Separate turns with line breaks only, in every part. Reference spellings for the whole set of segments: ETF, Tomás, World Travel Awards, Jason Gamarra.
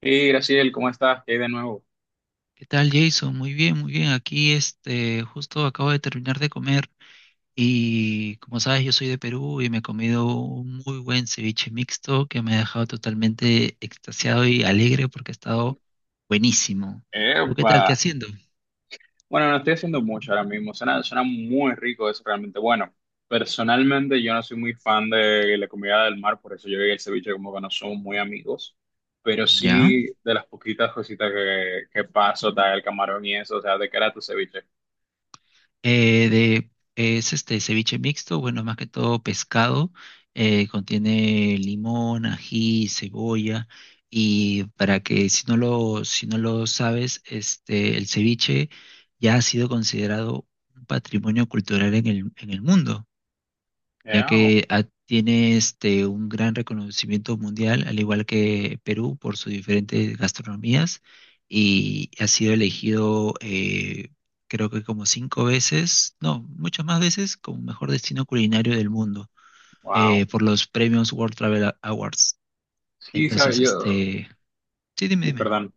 Y Graciel, ¿cómo estás? ¿Qué hay de nuevo?
¿Qué tal, Jason? Muy bien, muy bien. Aquí, justo acabo de terminar de comer y, como sabes, yo soy de Perú y me he comido un muy buen ceviche mixto que me ha dejado totalmente extasiado y alegre porque ha estado buenísimo. ¿Tú qué
Epa.
tal? ¿Qué haciendo?
Bueno, no estoy haciendo mucho ahora mismo. Suena muy rico, es realmente bueno. Personalmente, yo no soy muy fan de la comida del mar, por eso yo y el ceviche como que no somos muy amigos. Pero
¿Ya?
sí, de las poquitas cositas que paso, tal, el camarón y eso, o sea, ¿de qué era tu ceviche?
Eh, de, es este ceviche mixto, bueno, más que todo pescado, contiene limón, ají, cebolla, y para que si no lo sabes, el ceviche ya ha sido considerado un patrimonio cultural en el mundo ya
Oh,
que tiene un gran reconocimiento mundial, al igual que Perú, por sus diferentes gastronomías, y ha sido elegido creo que como cinco veces, no, muchas más veces, como mejor destino culinario del mundo,
wow.
por los premios World Travel Awards.
Sí,
Entonces,
sabía yo.
sí, dime,
Ay,
dime.
perdón.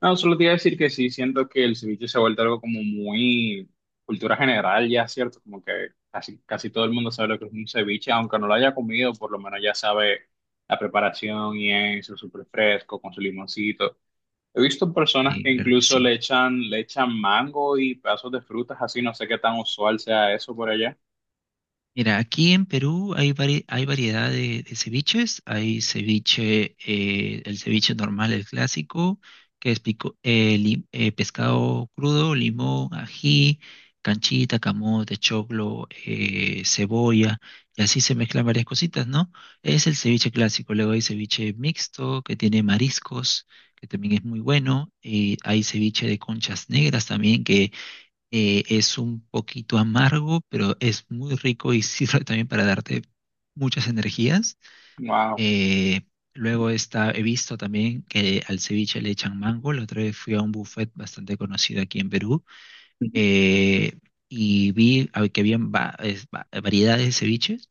No, solo te iba a decir que sí, siento que el ceviche se ha vuelto algo como muy cultura general ya, ¿cierto? Como que casi, casi todo el mundo sabe lo que es un ceviche, aunque no lo haya comido, por lo menos ya sabe la preparación y eso, súper fresco, con su limoncito. He visto personas que
Claro que
incluso
sí.
le echan mango y pedazos de frutas, así no sé qué tan usual sea eso por allá.
Mira, aquí en Perú hay, hay variedad de ceviches. Hay ceviche, el ceviche normal, el clásico, que es pescado crudo, limón, ají, canchita, camote, choclo, cebolla, y así se mezclan varias cositas, ¿no? Es el ceviche clásico. Luego hay ceviche mixto, que tiene mariscos, que también es muy bueno. Y hay ceviche de conchas negras también, es un poquito amargo, pero es muy rico y sirve también para darte muchas energías.
Wow,
Eh, luego está, he visto también que al ceviche le echan mango. La otra vez fui a un buffet bastante conocido aquí en Perú eh, y que habían variedades de ceviches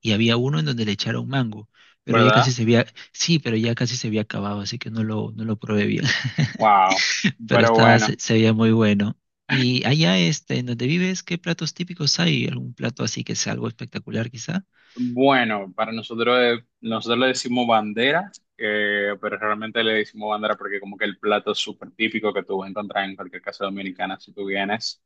y había uno en donde le echaron mango, pero
¿verdad?
sí, pero ya casi se había acabado, así que no lo probé bien.
Wow,
Pero
pero
estaba,
bueno.
se veía muy bueno. Y allá, en donde vives, ¿qué platos típicos hay? ¿Algún plato así que sea algo espectacular, quizá?
Bueno, para nosotros, nosotros le decimos bandera, pero realmente le decimos bandera porque como que el plato es súper típico que tú vas a encontrar en cualquier casa dominicana si tú vienes,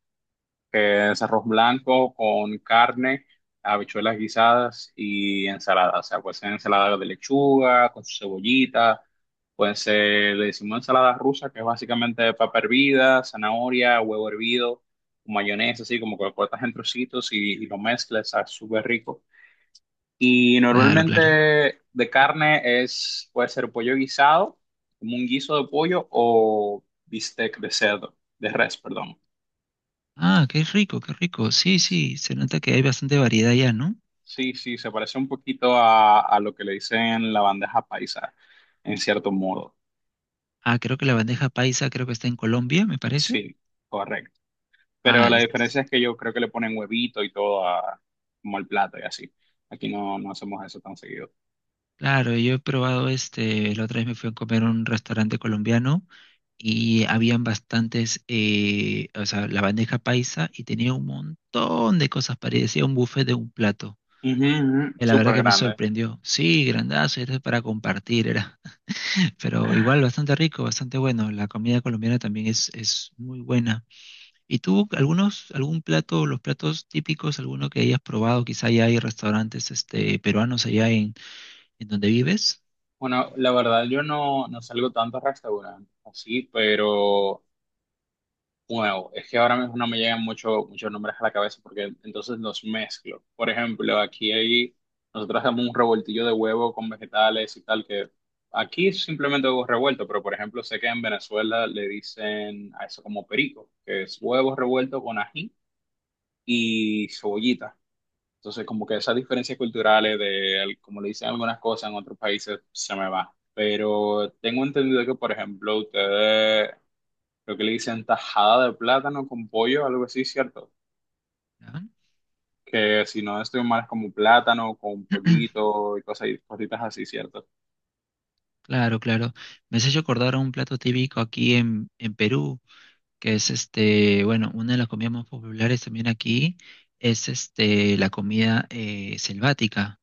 que es arroz blanco con carne, habichuelas guisadas y ensalada. O sea, puede ser ensalada de lechuga, con su cebollita, puede ser, le decimos ensalada rusa, que es básicamente papa hervida, zanahoria, huevo hervido, mayonesa, así como que lo cortas en trocitos y lo mezclas, está súper rico. Y
Claro, claro.
normalmente de carne es, puede ser pollo guisado, como un guiso de pollo o bistec de cerdo, de res, perdón.
Ah, qué rico, qué rico. Sí, sí, se nota que hay bastante variedad allá, ¿no?
Sí, sí, se parece un poquito a lo que le dicen la bandeja paisa, en cierto modo.
Ah, creo que la bandeja paisa creo que está en Colombia, me parece.
Sí, correcto. Pero
Ah,
la diferencia
es-
es que yo creo que le ponen huevito y todo como al plato y así. Aquí no, no hacemos eso tan seguido.
claro, yo he probado la otra vez me fui a comer a un restaurante colombiano y habían bastantes, o sea, la bandeja paisa y tenía un montón de cosas, parecía un buffet de un plato.
Ujú, ujú.
La verdad
Súper
que me
grande.
sorprendió. Sí, grandazo, era para compartir, era. Pero igual bastante rico, bastante bueno. La comida colombiana también es muy buena. ¿Y tú, algún plato, los platos típicos, alguno que hayas probado? Quizá ya hay restaurantes peruanos en donde vives.
Bueno, la verdad yo no, no salgo tanto a restaurantes así, pero wow, es que ahora mismo no me llegan muchos nombres a la cabeza porque entonces los mezclo. Por ejemplo, nosotros hacemos un revoltillo de huevo con vegetales y tal, que aquí es simplemente huevo revuelto, pero por ejemplo sé que en Venezuela le dicen a eso como perico, que es huevo revuelto con ají y cebollita. Entonces como que esas diferencias culturales de como le dicen algunas cosas en otros países se me va. Pero tengo entendido que por ejemplo ustedes creo que le dicen tajada de plátano con pollo, algo así, ¿cierto?
¿Ya?
Que si no estoy mal es como plátano con pollito y cosas, y cositas así, ¿cierto?
Claro, claro. Me has hecho acordar a un plato típico en Perú, que es bueno, una de las comidas más populares también aquí es la comida selvática.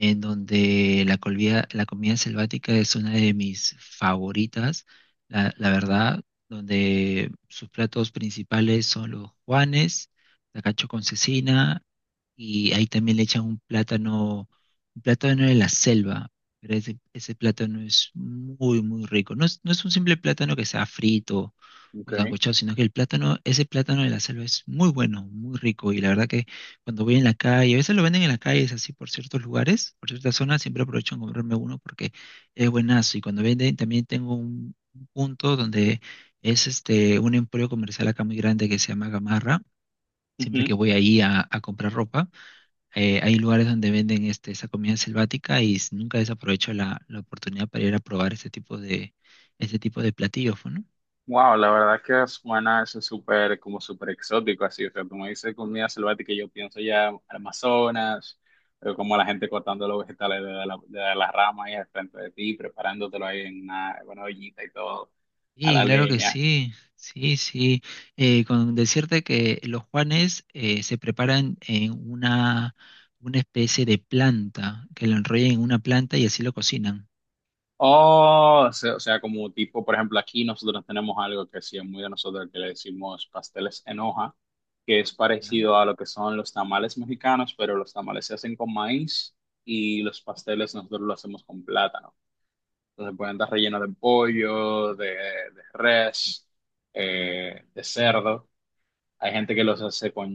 En donde la comida selvática es una de mis favoritas, la verdad, donde sus platos principales son los juanes, la cacho con cecina, y ahí también le echan un plátano de la selva, pero ese plátano es muy, muy rico. No es un simple plátano que sea frito
Ok.
o sancochado, sino que el plátano, ese plátano de la selva es muy bueno, muy rico, y la verdad que cuando voy en la calle, a veces lo venden en la calle, es así por ciertos lugares, por ciertas zonas, siempre aprovecho en comprarme uno porque es buenazo. Y cuando venden, también tengo un punto donde es un emporio comercial acá muy grande que se llama Gamarra. Siempre que
Ujú.
voy ahí a comprar ropa, hay lugares donde venden esa comida selvática y nunca desaprovecho la oportunidad para ir a probar este tipo de platillos, pues, ¿no?
Wow, la verdad que suena eso súper, como súper exótico, así, o sea, como dice comida selvática, yo pienso ya al Amazonas, pero como la gente cortando los vegetales de las ramas ahí al frente de ti, preparándotelo ahí en una ollita y todo, a
Sí,
la
claro que
leña.
sí, sí, sí. Con decirte que los Juanes se preparan en una especie de planta, que lo enrollan en una planta y así lo cocinan.
Oh, o sea, como tipo, por ejemplo, aquí nosotros tenemos algo que sí es muy de nosotros, que le decimos pasteles en hoja, que es
¿Ya?
parecido a lo que son los tamales mexicanos, pero los tamales se hacen con maíz y los pasteles nosotros lo hacemos con plátano. Entonces pueden estar rellenos de pollo, de res, de cerdo. Hay gente que los hace con,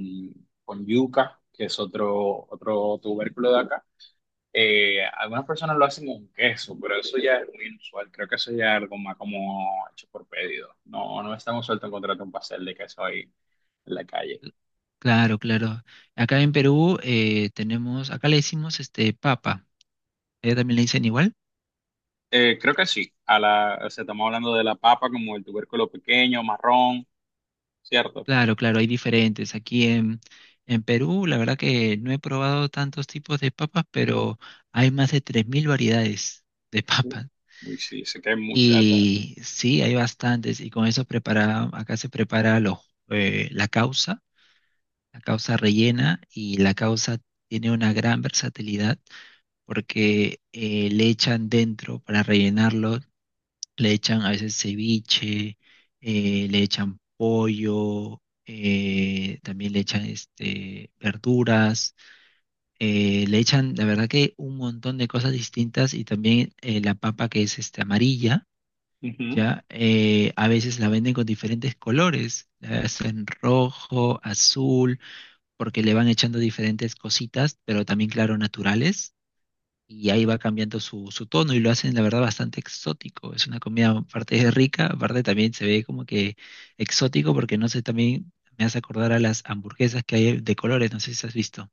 con yuca, que es otro tubérculo de acá, algunas personas lo hacen con queso, pero eso ya es muy inusual. Creo que eso ya es algo más como hecho por pedido. No, no es tan usual encontrarte un pastel de queso ahí en la calle.
Claro, claro. Acá en Perú tenemos, acá le decimos este papa. ¿Ella también le dicen igual?
Creo que sí. O sea, estamos hablando de la papa como el tubérculo pequeño, marrón, ¿cierto?
Claro, claro, hay diferentes. En Perú, la verdad que no he probado tantos tipos de papas, pero hay más de 3000 variedades de
Sí.
papas.
Uy, sí, sé que hay mucha.
Y sí, hay bastantes. Y con eso prepara, acá se prepara eh, la causa, la causa rellena y la causa tiene una gran versatilidad porque le echan dentro para rellenarlo, le echan a veces ceviche, le echan pollo, también le echan verduras, le echan, la verdad que un montón de cosas distintas y también la papa que es amarilla
Ujú.
ya, a veces la venden con diferentes colores, la hacen rojo, azul, porque le van echando diferentes cositas, pero también, claro, naturales, y ahí va cambiando su tono y lo hacen, la verdad, bastante exótico. Es una comida, aparte es rica, aparte también se ve como que exótico, porque no sé, también me hace acordar a las hamburguesas que hay de colores, no sé si has visto.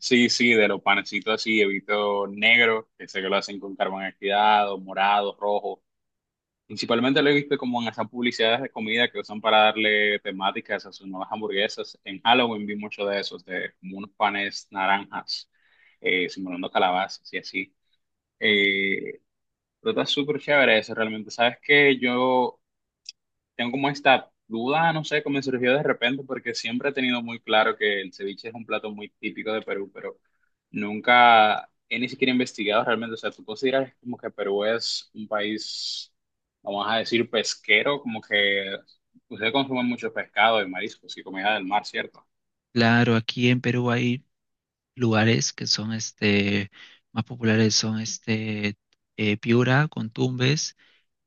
Sí, sí, de los panecitos así, evito negro, que sé que lo hacen con carbón activado, morado, rojo. Principalmente lo he visto como en esas publicidades de comida que usan para darle temáticas a sus nuevas hamburguesas. En Halloween vi mucho de esos, de como unos panes naranjas, simulando calabazas y así. Eh, pero está súper chévere eso, realmente. ¿Sabes qué? Yo tengo como esta duda, no sé, cómo me surgió de repente, porque siempre he tenido muy claro que el ceviche es un plato muy típico de Perú, pero nunca he ni siquiera investigado realmente. O sea, tú consideras como que Perú es un país, vamos a decir, pesquero, como que ustedes consumen mucho pescado y mariscos y comida del mar, ¿cierto?
Claro, aquí en Perú hay lugares que son, más populares, son, Piura, Tumbes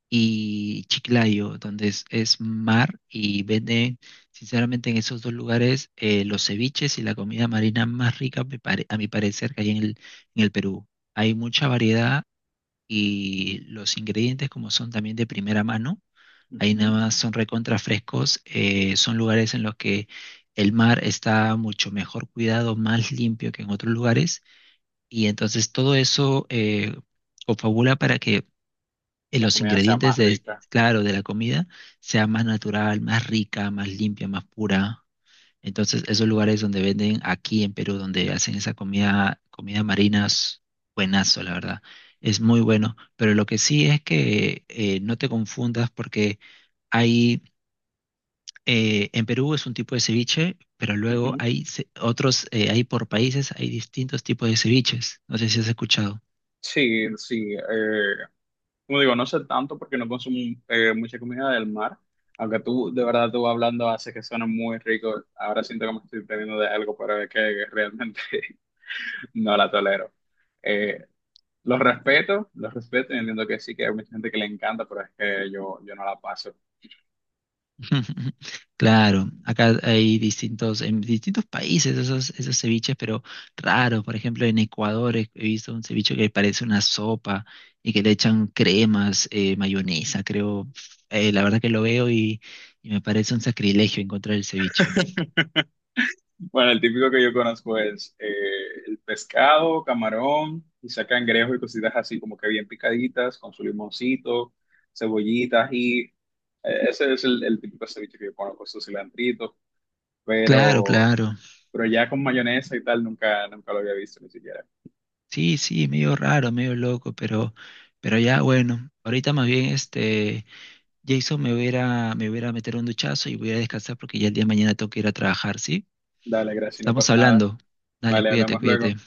y Chiclayo, donde es mar y venden, sinceramente, en esos dos lugares los ceviches y la comida marina más rica, a mi parecer, que hay en el Perú. Hay mucha variedad y los ingredientes, como son también de primera mano, ahí nada
Ujú.
más son recontra frescos, son lugares en los que el mar está mucho mejor cuidado, más limpio que en otros lugares, y entonces todo eso confabula para que eh,
La
los
comida sea
ingredientes
más
de,
rica.
claro, de la comida sea más natural, más rica, más limpia, más pura. Entonces, esos lugares donde venden aquí en Perú, donde hacen esa comida, comida marina, es buenazo, la verdad. Es muy bueno. Pero lo que sí es que no te confundas porque hay, en Perú es un tipo de ceviche, pero luego
Ujú.
hay hay por países, hay distintos tipos de ceviches. No sé si has escuchado.
Sí, sí. Como digo, no sé tanto porque no consumo mucha comida del mar, aunque tú, de verdad, tú hablando hace que suena muy rico. Ahora siento que me estoy perdiendo de algo, pero es que realmente no la tolero. Eh, los respeto, los respeto y entiendo que sí, que hay mucha gente que le encanta, pero es que yo no la paso.
Claro, acá hay distintos, en distintos países esos ceviches, pero raros. Por ejemplo, en Ecuador he visto un ceviche que parece una sopa y que le echan cremas, mayonesa, creo. La verdad que lo veo y me parece un sacrilegio encontrar el ceviche.
Bueno, el típico que yo conozco es el pescado, camarón, quizá cangrejo y cositas así como que bien picaditas, con su limoncito, cebollitas y ese es el típico ceviche que yo conozco, su cilantrito,
Claro,
pero,
claro.
pero ya con mayonesa y tal nunca, nunca lo había visto ni siquiera.
Sí, sí, medio raro, medio loco, pero ya bueno. Ahorita más bien Jason, me voy a ir a meter un duchazo y voy a descansar porque ya el día de mañana tengo que ir a trabajar, ¿sí?
Dale, gracias, no
Estamos
pasa nada.
hablando. Dale,
Vale,
cuídate,
hablamos luego.
cuídate.